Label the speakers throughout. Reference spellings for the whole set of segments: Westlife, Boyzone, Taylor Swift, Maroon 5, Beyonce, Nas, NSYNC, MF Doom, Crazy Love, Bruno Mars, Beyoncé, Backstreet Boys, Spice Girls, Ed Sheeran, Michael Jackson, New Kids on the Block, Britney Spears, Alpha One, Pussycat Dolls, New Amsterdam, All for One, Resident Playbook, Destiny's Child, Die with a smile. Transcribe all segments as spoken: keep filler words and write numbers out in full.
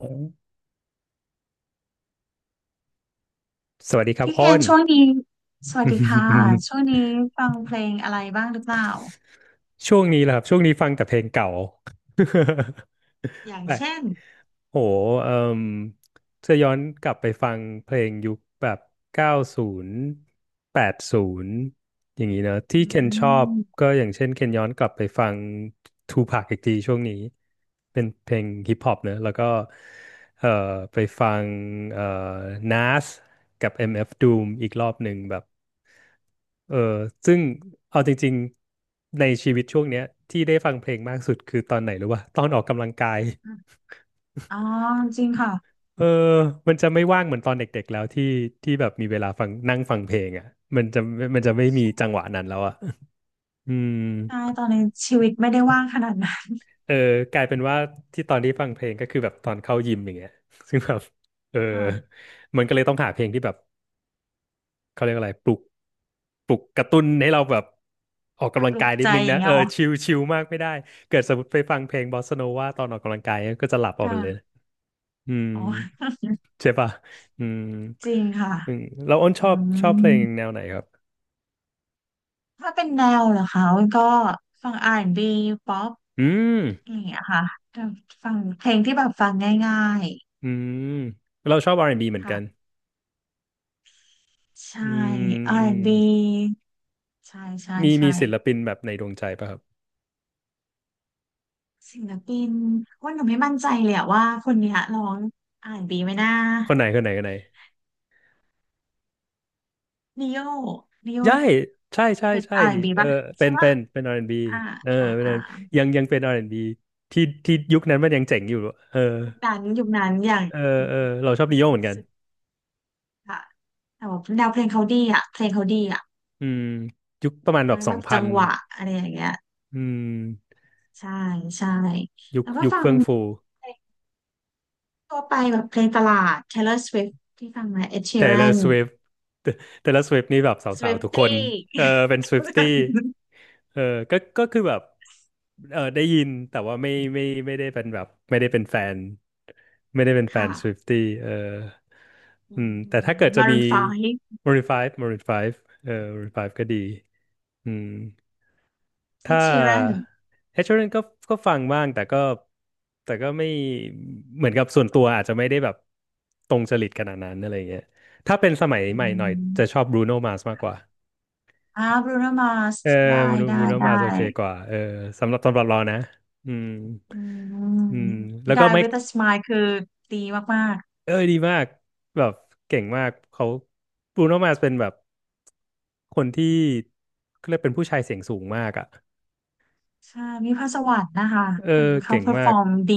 Speaker 1: โอ้สวัสดีครับ
Speaker 2: พี่เค
Speaker 1: อ้
Speaker 2: น
Speaker 1: น
Speaker 2: ช่วงนี้สวัสดีค่ะช่วงนี้ฟังเพลงอะไรบ้างหรือเปล่า
Speaker 1: ช่วงนี้แหละครับช่วงนี้ฟังแต่เพลงเก่า
Speaker 2: อ ย่าง
Speaker 1: แบบ
Speaker 2: เช่น
Speaker 1: โหเอ่ม เะอย้อนกลับไปฟังเพลงยุคแบบเก้าสิบแปดสิบอย่างนี้เนอะที่
Speaker 2: อื
Speaker 1: เคนชอบ
Speaker 2: ม
Speaker 1: ก็อย่างเช่นเคนย้อนกลับไปฟังทูพ a c อีกทีช่วงนี้เป็นเพลงฮิปฮอปเนอะแล้วก็เอ่อไปฟังเอ่อ Nas กับ เอ็ม เอฟ Doom อีกรอบหนึ่งแบบเออซึ่งเอาจริงๆในชีวิตช่วงเนี้ยที่ได้ฟังเพลงมากสุดคือตอนไหนรู้ป่ะตอนออกกำลังกาย
Speaker 2: อ๋อจริงค่ะ
Speaker 1: เออมันจะไม่ว่างเหมือนตอนเด็กๆแล้วที่ที่แบบมีเวลาฟังนั่งฟังเพลงอ่ะมันจะมันจะไม่มีจังหวะนั้นแล้วอ่ะ อืม
Speaker 2: ใช่ตอนนี้ชีวิตไม่ได้ว่างขนาดนั้น
Speaker 1: เออกลายเป็นว่าที่ตอนที่ฟังเพลงก็คือแบบตอนเข้ายิมอย่างเงี้ย ซึ่งแบบเออ
Speaker 2: ค่ะ
Speaker 1: มันก็เลยต้องหาเพลงที่แบบเขาเรียกอะไรปลุกปลุกกระตุ้นให้เราแบบออกกำลั
Speaker 2: ป
Speaker 1: ง
Speaker 2: ลุ
Speaker 1: กา
Speaker 2: ก
Speaker 1: ยนิ
Speaker 2: ใจ
Speaker 1: ดนึง
Speaker 2: อย่า
Speaker 1: นะ
Speaker 2: ง
Speaker 1: เอ
Speaker 2: เงี้ย
Speaker 1: อ
Speaker 2: เหรอ
Speaker 1: ชิลชิลมากไม่ได้เกิดสมมติไปฟังเพลงบอสซาโนวาตอนออกกำลังกายก็จะหลับออกไปเลย
Speaker 2: ค่ะ
Speaker 1: อืม
Speaker 2: อ๋อ
Speaker 1: ใช่ป่ะอืม
Speaker 2: จริงค่ะ
Speaker 1: อืมแล้วอ้นช
Speaker 2: อื
Speaker 1: อบชอบเพลงแน
Speaker 2: ม
Speaker 1: วไหนครับ
Speaker 2: ถ้าเป็นแนวเหรอคะก็ฟัง อาร์ แอนด์ บี ป๊อป
Speaker 1: อืม
Speaker 2: อะไรอย่างเงี้ยค่ะแต่ฟังเพลงที่แบบฟังง่าย
Speaker 1: อืมเราชอบ อาร์ แอนด์ บี เหมื
Speaker 2: ๆ
Speaker 1: อน
Speaker 2: ค่ะ
Speaker 1: กัน
Speaker 2: ใช่
Speaker 1: อืมอืม
Speaker 2: อาร์ แอนด์ บี ใช่ใช่
Speaker 1: มีมี
Speaker 2: ใช่
Speaker 1: ศิลปินแบบในดวงใจป่ะครับ
Speaker 2: ศิลปินว่าหนูไม่มั่นใจเลยอะว่าคนเนี้ยร้องอาร์แอนด์บีไหมนะ
Speaker 1: คนไหนคนไหนคนไหน
Speaker 2: นิโยนิโย
Speaker 1: ใช่ใช่ใช่
Speaker 2: เป็น
Speaker 1: ใช่
Speaker 2: อาร์แอ
Speaker 1: ดิ
Speaker 2: นด์บี
Speaker 1: เออ
Speaker 2: ป่ะ
Speaker 1: เป็
Speaker 2: ใช่
Speaker 1: นเป็
Speaker 2: ป่ะ
Speaker 1: นเป็น อาร์ แอนด์ บี
Speaker 2: อ่า
Speaker 1: เออ
Speaker 2: อ่า
Speaker 1: เป็น
Speaker 2: อ่า
Speaker 1: อาร์ แอนด์ บี ยังยังเป็น อาร์ แอนด์ บี ที่ที่ยุคนั้นมันยังเจ๋งอยู่เออ
Speaker 2: ยุคนั้นยุคนั้นอย่าง
Speaker 1: เออเออเราชอบดิโยเหมือนกัน
Speaker 2: สุดค่ะแต่ว่าแนวเพลงเขาดีอ่ะเพลงเขาดีอ่ะ
Speaker 1: อืมยุคประมาณแบ
Speaker 2: ทั้
Speaker 1: บ
Speaker 2: ง
Speaker 1: ส
Speaker 2: แบ
Speaker 1: อง
Speaker 2: บ
Speaker 1: พั
Speaker 2: จั
Speaker 1: น
Speaker 2: งหวะอะไรอย่างเงี้ย
Speaker 1: อืม
Speaker 2: ใช่ใช่
Speaker 1: ยุค
Speaker 2: แล้วก็
Speaker 1: ยุค
Speaker 2: ฟัง
Speaker 1: เฟื่องฟู
Speaker 2: เพลงทั่วไปแบบเพลงตลาด Taylor Swift ที่ฟังไหม Ed
Speaker 1: t a y l o r
Speaker 2: Sheeran
Speaker 1: Swift เ a y l o r Swift นี่แบบสาวๆทุกคน
Speaker 2: Swiftie
Speaker 1: เออเป็น Swiftie เออก็ก็คือแบบเออได้ยินแต่ว่าไม่ไม่ไม่ได้เป็นแบบไม่ได้เป็นแฟนไม่ได้เป็นแฟ
Speaker 2: ค่ะ
Speaker 1: น Swiftie เอออืมแต่ถ้าเกิดจะมี
Speaker 2: Maroon ไฟว์
Speaker 1: Maroon ห้า Maroon ไฟฟ์เออ Maroon ไฟฟ์ก็ดีอืม
Speaker 2: เอด
Speaker 1: ถ้า
Speaker 2: ชีแรน
Speaker 1: เอชเชอร์ก็ก็ฟังบ้างแต่ก็แต่ก็ไม่เหมือนกับส่วนตัวอาจจะไม่ได้แบบตรงจริตขนาดนั้นอะไรเงี้ยถ้าเป็นสมัย
Speaker 2: อื
Speaker 1: ใหม่หน่อยจะช
Speaker 2: ม
Speaker 1: อบบรูโนมา r s มากกว่า
Speaker 2: อ่าบรูโนมาส
Speaker 1: เออ
Speaker 2: ได้
Speaker 1: บ
Speaker 2: ได้
Speaker 1: รูโน
Speaker 2: ได้
Speaker 1: มา r s โอเคกว่าเออสำหรับสำหรับเรานะอืม
Speaker 2: อืม
Speaker 1: อืมแล้วก็
Speaker 2: Die
Speaker 1: ไมค์
Speaker 2: with a smile คือดีมาก
Speaker 1: เอ้ยดีมากแบบเก่งมากเขาบรูโนมา r s เป็นแบบคนที่เขาเรียกเป็นผู้ชายเสียงสูงมากอ่ะ
Speaker 2: ๆใช่ มีพรสวรรค์นะคะ
Speaker 1: เอ
Speaker 2: คือ
Speaker 1: อ
Speaker 2: เขา
Speaker 1: เก่ง
Speaker 2: เพอร์ฟ
Speaker 1: มา
Speaker 2: อ
Speaker 1: ก
Speaker 2: ร์มดี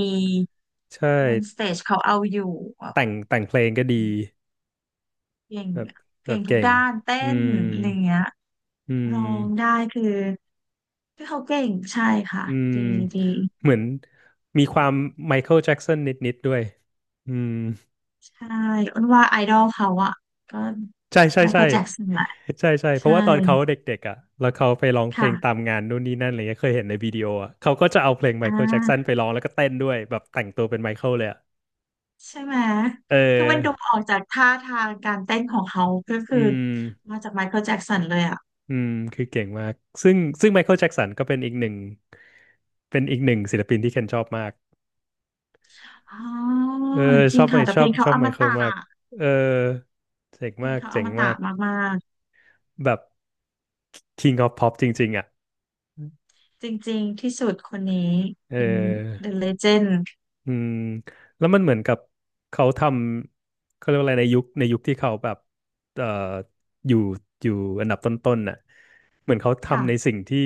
Speaker 1: ใช่
Speaker 2: บนสเตจเขาเอาอยู่แบบ
Speaker 1: แต่งแต่งเพลงก็ดี
Speaker 2: เก่ง
Speaker 1: แบบแบ
Speaker 2: เก่
Speaker 1: บ
Speaker 2: งทุก
Speaker 1: เก่ง
Speaker 2: ด้านเต้
Speaker 1: อื
Speaker 2: น
Speaker 1: ม
Speaker 2: อะไรเงี้ย
Speaker 1: อื
Speaker 2: ร้องได้
Speaker 1: ม
Speaker 2: คือคือเขาเก่งใช่ค่ะ
Speaker 1: อืม
Speaker 2: ดีดี
Speaker 1: เหมือนมีความไมเคิลแจ็กสันนิดๆด้วยอืม
Speaker 2: ใช่อ้นว่าไอดอลเขาอะก็
Speaker 1: ใช่ใช่
Speaker 2: ไม
Speaker 1: ใช่
Speaker 2: เคิลแจ็คสันแหละ
Speaker 1: ใช่ใช่เพ
Speaker 2: ใช่
Speaker 1: ราะว่าตอนเขาเด็กๆอ่ะแล้วเขาไปร้องเพลงตาม
Speaker 2: ค่ะ
Speaker 1: งานนู่นนี่นั่นอะไรเงี้ยเคยเห็นในวิดีโออ่ะเขาก็จะเอาเพลงไม
Speaker 2: อ่
Speaker 1: เคิลแจ็กสัน
Speaker 2: า
Speaker 1: ไปร้องแล้วก็เต้นด้วยแบบแต่งตัวเป็นไมเคิลเลยอ่ะ
Speaker 2: ใช่ไหม
Speaker 1: เ
Speaker 2: คือมันดู
Speaker 1: ออ
Speaker 2: ออกจากท่าทางการเต้นของเขา ก็คื
Speaker 1: อื
Speaker 2: อ
Speaker 1: ม
Speaker 2: มาจากไมเคิลแจ็กสันเลยอ่ะ
Speaker 1: อืมคือเก่งมากซึ่งซึ่งไมเคิลแจ็กสันก็เป็นอีกหนึ่งเป็นอีกหนึ่งศิลปินที่เคนชอบมาก
Speaker 2: อ๋อ
Speaker 1: เออ
Speaker 2: จ
Speaker 1: ช
Speaker 2: ริ
Speaker 1: อ
Speaker 2: ง
Speaker 1: บไหม
Speaker 2: ค่ะ แต่
Speaker 1: ช
Speaker 2: เพ
Speaker 1: อ
Speaker 2: ล
Speaker 1: บ
Speaker 2: ง
Speaker 1: ช
Speaker 2: เขา
Speaker 1: อบ
Speaker 2: อ
Speaker 1: ไม
Speaker 2: ม
Speaker 1: เคิล
Speaker 2: ตะ
Speaker 1: มากเออเจ๋ง
Speaker 2: เพลง
Speaker 1: มาก
Speaker 2: เขาอ
Speaker 1: เจ๋ง
Speaker 2: ม
Speaker 1: มา
Speaker 2: ตะ
Speaker 1: ก
Speaker 2: มาก
Speaker 1: แบบ King of Pop จริงๆอ่ะ
Speaker 2: ๆ จริงๆ ที่สุดคนนี้
Speaker 1: เ
Speaker 2: เป็น
Speaker 1: ออ
Speaker 2: The Legend
Speaker 1: อืมแล้วมันเหมือนกับเขาทำเขาเรียกว่าอะไรในยุคในยุคที่เขาแบบเอ่ออยู่อยู่อันดับต้นๆน่ะเหมือนเขา
Speaker 2: ค่ะ
Speaker 1: ทำในสิ่งที่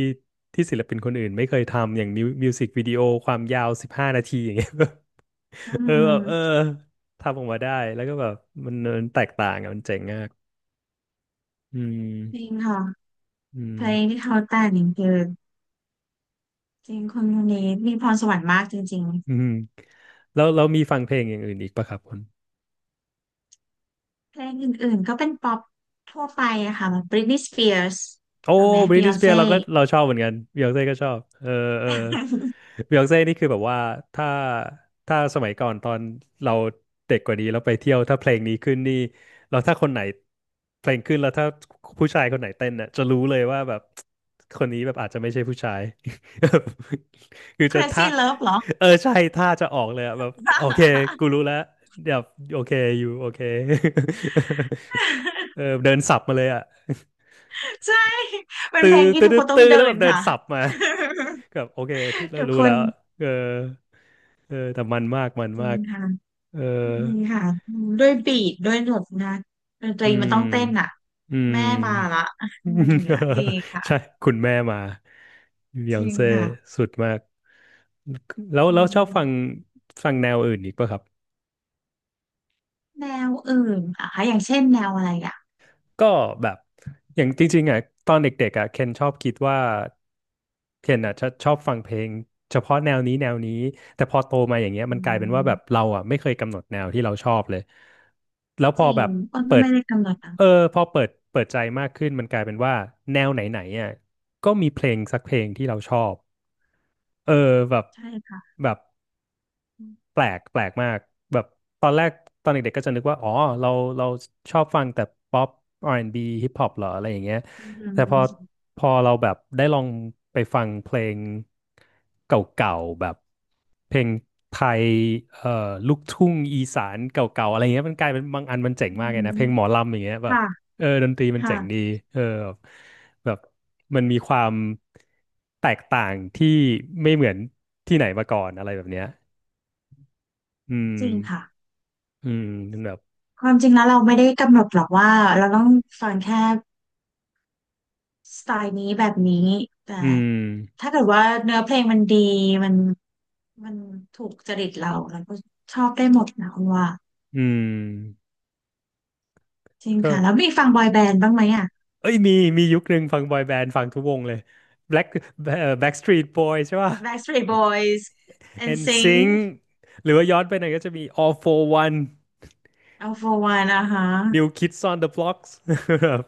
Speaker 1: ที่ศิลปินคนอื่นไม่เคยทำอย่างมิวมิวสิกวิดีโอความยาวสิบห้านาทีอย่างเงี้ย
Speaker 2: อื
Speaker 1: เออแบบเออ
Speaker 2: ม
Speaker 1: ทำออกมาได้แล้วก็แบบมันมันแตกต่างอ่ะมันเจ๋งมากอืม
Speaker 2: จริงค่ะ
Speaker 1: อื
Speaker 2: เพ
Speaker 1: ม
Speaker 2: ลงที่เขาแต่งคือจริงคนคนนี้มีพรสวรรค์มากจริง
Speaker 1: อืมแล้วเรามีฟังเพลงอย่างอื่นอีกปะครับคุณ
Speaker 2: ๆ เพลงอื่นๆ ก็เป็นป๊อปทั่วไปอะค่ะแบบ Britney Spears
Speaker 1: โอ้
Speaker 2: ฟังไหม
Speaker 1: บริทนีย์สเปี
Speaker 2: Beyonce
Speaker 1: ยร์เราก็เราชอบเหมือนกันบิยอนเซ่ก็ชอบเออเออบิยอนเซ่นี่คือแบบว่าถ้าถ้าสมัยก่อนตอนเราเด็กกว่านี้เราไปเที่ยวถ้าเพลงนี้ขึ้นนี่เราถ้าคนไหนเพลงขึ้นแล้วถ้าผู้ชายคนไหนเต้นน่ะจะรู้เลยว่าแบบคนนี้แบบอาจจะไม่ใช่ผู้ชาย คือ จะ
Speaker 2: Crazy
Speaker 1: ท่า
Speaker 2: Love เหรอ
Speaker 1: เออใช่ท่าจะออกเลยอะแบบโอเคกู รู้แล้วเดี๋ยวโอเคอยู่โอเค เออ เดินสับมาเลยอ่ะ
Speaker 2: ใช่เป็น
Speaker 1: ตื้อ
Speaker 2: เพลงที่
Speaker 1: ตื้อ
Speaker 2: ทุก
Speaker 1: ตื้
Speaker 2: ค
Speaker 1: อ
Speaker 2: นต้อ
Speaker 1: ตื้
Speaker 2: ง
Speaker 1: อ
Speaker 2: เดิ
Speaker 1: แล้วแบ
Speaker 2: น
Speaker 1: บเดิน
Speaker 2: ค่ะ
Speaker 1: สับมาแบบโอเคที่ เรา
Speaker 2: ทุก
Speaker 1: รู้
Speaker 2: ค
Speaker 1: แล้
Speaker 2: น
Speaker 1: วเออเออแต่มันมากมัน
Speaker 2: จริ
Speaker 1: มา
Speaker 2: ง
Speaker 1: ก
Speaker 2: ค่ะ
Speaker 1: เออ
Speaker 2: จริงค่ะด้วยบีทด้วยหนวดนะดนต
Speaker 1: อื
Speaker 2: รีมัน
Speaker 1: ม
Speaker 2: ต้องเต้นอ่ะ
Speaker 1: อืม
Speaker 2: แม่มาละอะไรอย่างเงี้ย ดีค่ะ
Speaker 1: ใช่คุณแม่มาบย
Speaker 2: จ
Speaker 1: อง
Speaker 2: ริง
Speaker 1: เซ่
Speaker 2: ค่ะ
Speaker 1: สุดมากแล้ว
Speaker 2: จริ
Speaker 1: แล้ว
Speaker 2: ง
Speaker 1: ชอบฟังฟังแนวอื่นอีกป่ะครับ
Speaker 2: แนวอื่นอ่ะคะอย่างเช่นแนวอะไรอ่ะ
Speaker 1: ก็แบบอย่างจริงๆอ่ะตอนเด็กๆอ่ะเคนชอบคิดว่าเคนอ่ะชอบชอบฟังเพลงเฉพาะแนวนี้แนวนี้แต่พอโตมาอย่างเงี้ยมั
Speaker 2: อื
Speaker 1: นกลายเป็นว่าแบบ
Speaker 2: ม
Speaker 1: เราอ่ะไม่เคยกำหนดแนวที่เราชอบเลยแล้วพ
Speaker 2: จ
Speaker 1: อ
Speaker 2: ริ
Speaker 1: แบ
Speaker 2: ง
Speaker 1: บ
Speaker 2: อ้น
Speaker 1: เปิ
Speaker 2: ก็
Speaker 1: ด
Speaker 2: ไม่ได้กำหนดอ่ะ
Speaker 1: เออพอเปิดเปิดใจมากขึ้นมันกลายเป็นว่าแนวไหนๆอ่ะก็มีเพลงสักเพลงที่เราชอบเออแบบ
Speaker 2: ใช่ค่ะ
Speaker 1: แบบ แปลกแปลกมากแบบตอนแรกตอนเด็กๆก็จะนึกว่าอ๋อเราเราชอบฟังแต่ป๊อปอาร์แอนด์บีฮิปฮอปเหรออะไรอย่างเงี้ย
Speaker 2: อื
Speaker 1: แต่พอ
Speaker 2: ม
Speaker 1: พอเราแบบได้ลองไปฟังเพลงเก่าๆแบบเพลงไทยเอ่อลูกทุ่งอีสานเก่าๆอะไรเงี้ยมันกลายเป็นบางอันมันเจ๋ง
Speaker 2: อื
Speaker 1: มากเลยนะเพลงหมอ
Speaker 2: ม
Speaker 1: ลำอย่างเงี้ยแบบ
Speaker 2: ค่ะ
Speaker 1: เออดนตรีมัน
Speaker 2: ค่ะ
Speaker 1: เจ๋งดีเออแบบแบบมันมีความแตกต่างที่ไม่เหมือนที่ไหนมาก่อนอะไรแบบเนี้ย อืม
Speaker 2: จริงค่ะ
Speaker 1: อืมแบบ
Speaker 2: ความจริงแล้วเราไม่ได้กำหนดหรอกว่าเราต้องฟังแค่ สไตล์นี้แบบนี้แต่
Speaker 1: อืม
Speaker 2: ถ้าเกิดว่าเนื้อเพลงมันดีมันมันถูกจริตเราเราก็ชอบได้หมดนะคุณว่า
Speaker 1: อืม
Speaker 2: จริง
Speaker 1: ก็
Speaker 2: ค่ะแล้วมีฟังบอยแบนด์บ้างไหมอ่ะ
Speaker 1: เอ้ยมีมียุคหนึ่งฟังบอยแบนด์ฟังทุกวงเลย Black เอ่อ Backstreet Boys ใช่ป่ะ
Speaker 2: Backstreet Boys เอ็น ซิงค์
Speaker 1: n s i
Speaker 2: เอ็นน
Speaker 1: n
Speaker 2: ซิงค์
Speaker 1: g หรือว่าย้อนไปหน่อยก็จะมี All for One
Speaker 2: Alpha One นะคะ
Speaker 1: New Kids on the Blocks แบบ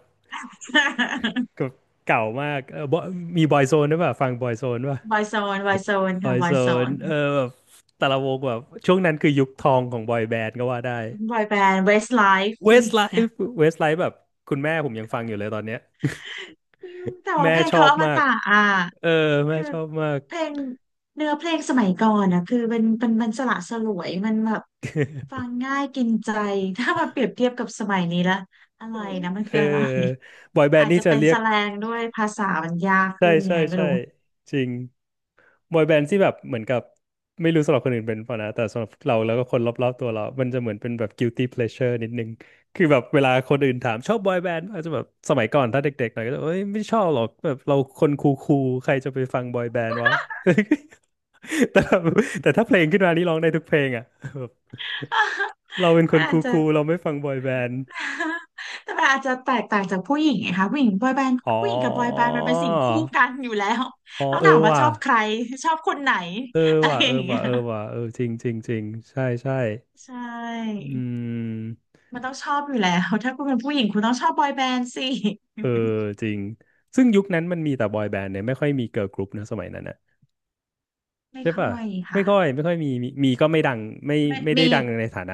Speaker 1: เก่ามากเออ Boy- มี Boyzone ด้วยป่ะฟัง Boyzone ป่ะ
Speaker 2: บอยโซนบอยโซนค่ะบอยโซ
Speaker 1: Boyzone
Speaker 2: น
Speaker 1: เออแบบแต่ละวงแบบช่วงนั้นคือยุคทองของบอยแบนด์ก็ว่าได้
Speaker 2: บอยแบนด์ Westlife อะไรอย่าง
Speaker 1: Westlife
Speaker 2: เงี้ย
Speaker 1: Westlife แบบคุณแม่ผมยังฟังอยู่เลยตอนเนี้ย
Speaker 2: แต่ว่า
Speaker 1: แม่
Speaker 2: เพลง
Speaker 1: ชอ
Speaker 2: เขา
Speaker 1: บ
Speaker 2: อม
Speaker 1: มาก
Speaker 2: ตะอ่ะ
Speaker 1: เออแม่
Speaker 2: คือ
Speaker 1: ชอบมาก
Speaker 2: เพลงเนื้อเพลงสมัยก่อนนะคือเป็นเป็นมันสละสลวยมันแบบฟังง่ายกินใจ ถ้ามาเปรียบเทียบกับสมัยนี้ละอะไรนะมัน
Speaker 1: เอ
Speaker 2: คื
Speaker 1: อ
Speaker 2: ออะไร
Speaker 1: บอยแบน
Speaker 2: อา
Speaker 1: ด์
Speaker 2: จ
Speaker 1: นี่
Speaker 2: จะ
Speaker 1: จะ
Speaker 2: เป็น
Speaker 1: เรีย
Speaker 2: แส
Speaker 1: ก
Speaker 2: แลงด้วยภาษามันยาก
Speaker 1: ใช่
Speaker 2: ขึ้นยั
Speaker 1: ใช่
Speaker 2: งไงไม่
Speaker 1: ใช่
Speaker 2: รู้
Speaker 1: จริงบอยแบนด์ที่แบบเหมือนกับไม่รู้สำหรับคนอื่นเป็นเปล่ะนะแต่สำหรับเราแล้วก็คนรอบๆตัวเรา มันจะเหมือนเป็นแบบ guilty pleasure นิดนึงคือแบบเวลาคนอื่นถามชอบบอยแบนด์อาจจะแบบสมัยก่อนถ้าเด็กๆหน่อยก็จะเอ้ยไม่ชอบหรอกแบบเราคนคูลๆใครจะไปฟังบอยแบนด์วะ แต่แบบแต่ถ้าเพลงขึ้นมานี่ร้องได้ทุกเพลงอ่ะ แบบเราเป็น ค
Speaker 2: มัน
Speaker 1: น
Speaker 2: อา
Speaker 1: คู
Speaker 2: จจะ
Speaker 1: ลๆเราไม่ฟังบอยแบนด์
Speaker 2: แต่มันอาจจะแตกต่างจากผู้หญิงไงคะผู้หญิงบอยแบนด์
Speaker 1: อ๋อ
Speaker 2: ผู้หญิงกับบอยแบนด์มันเป็นสิ่งคู่กันอยู่แล้ว
Speaker 1: อ๋อ
Speaker 2: ต้อง
Speaker 1: เออ
Speaker 2: ถามว่า
Speaker 1: ว่ะ
Speaker 2: ชอบใครชอบคนไหน
Speaker 1: เออ
Speaker 2: อะไร
Speaker 1: ว่ะ
Speaker 2: อ
Speaker 1: เออ
Speaker 2: ย่างเงี้
Speaker 1: ว่ะ
Speaker 2: ย
Speaker 1: เออว่ะเออจริงจริงจริงใช่ใช่
Speaker 2: ใช่
Speaker 1: อืม
Speaker 2: มันต้องชอบอยู่แล้วถ้าคุณเป็นผู้หญิงคุณต้องชอบบอยแบนด์สิ
Speaker 1: เออจริง ซึ่งยุคนั้นมันมีแต่บอยแบนด์เนี่ยไม่ค่อยมีเกิร์ลกรุ๊ปนะสมัยนั้นนะ
Speaker 2: ไม่
Speaker 1: ใช่
Speaker 2: ค่
Speaker 1: ป่ะ
Speaker 2: อย
Speaker 1: ไม่
Speaker 2: ค่ะ
Speaker 1: ค่อยไม่ค่อยมีมีมีก็ไม่ดังไม่
Speaker 2: ไม่
Speaker 1: ไม่ได้
Speaker 2: มี
Speaker 1: ดังในฐานะ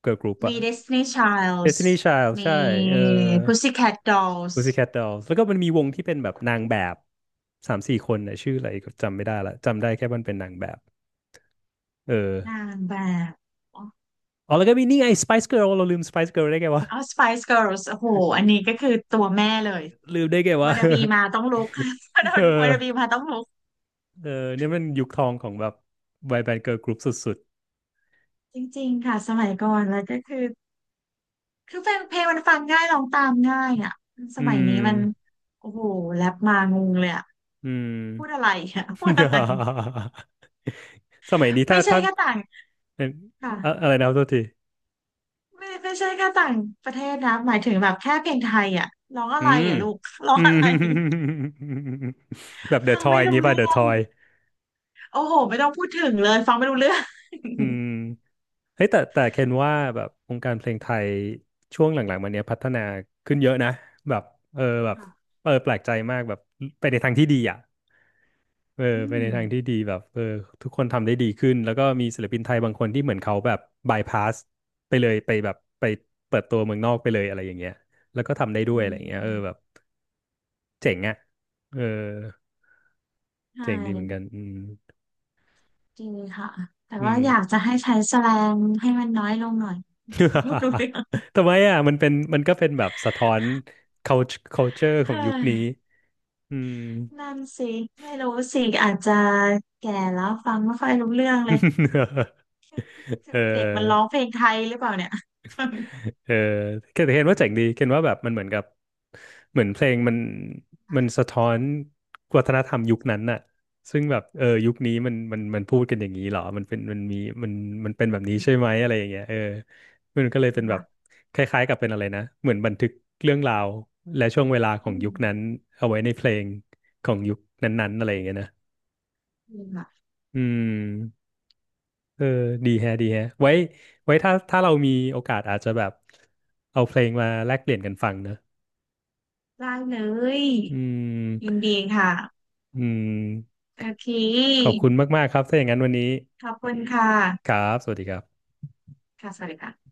Speaker 1: เกิร์ลกรุ๊ปอะ
Speaker 2: มี Destiny Childs
Speaker 1: Destiny Child
Speaker 2: มี
Speaker 1: ใช่เออ
Speaker 2: Pussycat Dolls
Speaker 1: Pussycat Dolls แล้วก็มันมีวงที่เป็นแบบนางแบบสามสี่คนนะชื่ออะไรก็จำไม่ได้ละจำได้แค่มันเป็นนางแบบเออ
Speaker 2: นางแบบ
Speaker 1: อ๋อแล้วก็มีนี่ไง Spice Girl เราลืม Spice Girl ได้ไงวะ
Speaker 2: เอา Spice Girls โอ้โหอันนี้ก็คือตัวแม่เลย
Speaker 1: ลืมได้ไงวะ
Speaker 2: w านนาบีมาต้องลุก วันน
Speaker 1: เออ
Speaker 2: าบีมาต้องลุก
Speaker 1: เออเนี่ยมันยุคทองของแบบวัยแบนด์เกิร์ลกรุ๊ปสุด
Speaker 2: จริงๆค่ะสมัยก่อนแล้วก็คือคือเพลงเพลงมันฟังง่ายร้องตามง่ายอ่ะ
Speaker 1: ๆ
Speaker 2: ส
Speaker 1: อื
Speaker 2: มัย
Speaker 1: ม
Speaker 2: นี้มันโอ้โหแรปมางงเลยอ่ะ
Speaker 1: อืม
Speaker 2: พูดอะไรอ่ะ พูดอะไร
Speaker 1: สมัยนี้ถ้า
Speaker 2: ไม่ใช่
Speaker 1: ถ้า
Speaker 2: ก็ต่าง
Speaker 1: เอ่ออะ
Speaker 2: ค่ะ
Speaker 1: อะไรนะโทษที
Speaker 2: ไม่ไม่ใช่แค่ต่างประเทศนะหมายถึงแบบแค่เพลงไทยอ่ะร้องอะ
Speaker 1: อื
Speaker 2: ไร
Speaker 1: ม
Speaker 2: อ่ะลูก ร้อ
Speaker 1: อื
Speaker 2: งอะ
Speaker 1: ม
Speaker 2: ไร
Speaker 1: แบบเดอะ
Speaker 2: ฟั
Speaker 1: ท
Speaker 2: ง
Speaker 1: อย
Speaker 2: ไม่
Speaker 1: อย่าง
Speaker 2: รู้
Speaker 1: งี้ป่ะ
Speaker 2: เรื่
Speaker 1: เดอะ
Speaker 2: อ
Speaker 1: ท
Speaker 2: ง
Speaker 1: อย
Speaker 2: โอ้โหไม่ต้องพูดถึงเลยฟังไม่รู้เรื่อง
Speaker 1: อืมเฮ้ยแต่แต่เคนว่าแบบวงการเพลงไทยช่วงหลังๆมาเนี้ยพัฒนาขึ้นเยอะนะแบบเออแบบ
Speaker 2: ค่ะ
Speaker 1: เออแปลกใจมากแบบไปในทางที่ดีอ่ะเออ
Speaker 2: อื
Speaker 1: ไปใน
Speaker 2: ม
Speaker 1: ทางที่ดีแบบเออทุกคนทำได้ดีขึ้นแล้วก็มีศิลปินไทยบางคนที่เหมือนเขาแบบบายพาสไปเลยไปแบบไปเปิดตัวเมืองนอกไปเลยอะไรอย่างเงี้ยแล้วก็ทำได้ด้วย
Speaker 2: อื
Speaker 1: อะไรอย่างเงี้ยเออแบบ
Speaker 2: ม
Speaker 1: เจ๋งอ่ะเออ
Speaker 2: ใช่
Speaker 1: เจ๋งดีเหมือนกันอืม
Speaker 2: จริงค่ะแต่
Speaker 1: อื
Speaker 2: ว่า
Speaker 1: ม
Speaker 2: อยากจะให้ใช้แสแลงให้มันน้อยลงหน่อย ไม่รู้เรื่อง
Speaker 1: ทำไมอ่ะมันเป็นมันก็เป็นแบบสะท้อน culture culture ขอ
Speaker 2: เฮ้
Speaker 1: งยุคนี้
Speaker 2: ย
Speaker 1: อืม
Speaker 2: นั่นสิไม่รู้สิอาจจะแก่แล้วฟังไม่ค่อยรู้เรื่องเลย
Speaker 1: เออ
Speaker 2: เด็กมันร้องเพลงไทยหรือเปล่าเนี่ย
Speaker 1: เออเคนเห็นว่าเจ๋งดีเคนว่าแบบมันเหมือนกับเหมือนเพลงมันมันสะท้อนวัฒนธรรมยุคนั้นน่ะซึ่งแบบเออยุคนี้มันมันมันพูดกันอย่างนี้เหรอมันเป็นมันมีมันมันเป็นแบบนี้ใช่ไหม อะไรอย่างเงี้ยเออมันก็เลยเป็นแบบ
Speaker 2: ค่ะ
Speaker 1: คล้ายๆกับเป็นอะไรนะเหมือนบันทึกเรื่องราวและช่วงเวลาของ
Speaker 2: อื
Speaker 1: ยุ
Speaker 2: ม
Speaker 1: คนั้นเอาไว้ในเพลงของยุคนั้นๆอะไรอย่างเงี้ยนะ
Speaker 2: จริงค่ะ
Speaker 1: อืมเออดีแฮะดีแฮะไว้ไว้ถ้าถ้าเรามีโอกาสอาจจะแบบเอาเพลงมาแลกเปลี่ยนกันฟังนะ
Speaker 2: ได้เลย
Speaker 1: อื
Speaker 2: ยิน
Speaker 1: ม
Speaker 2: ดีค่ะ
Speaker 1: อืม
Speaker 2: โอเค
Speaker 1: ขอบคุณมากๆครับถ้าอย่างนั้นวันนี้
Speaker 2: ขอบคุณค่ะ
Speaker 1: ครับสวัสดีครับ
Speaker 2: ค่ะสวัสดีค่ะ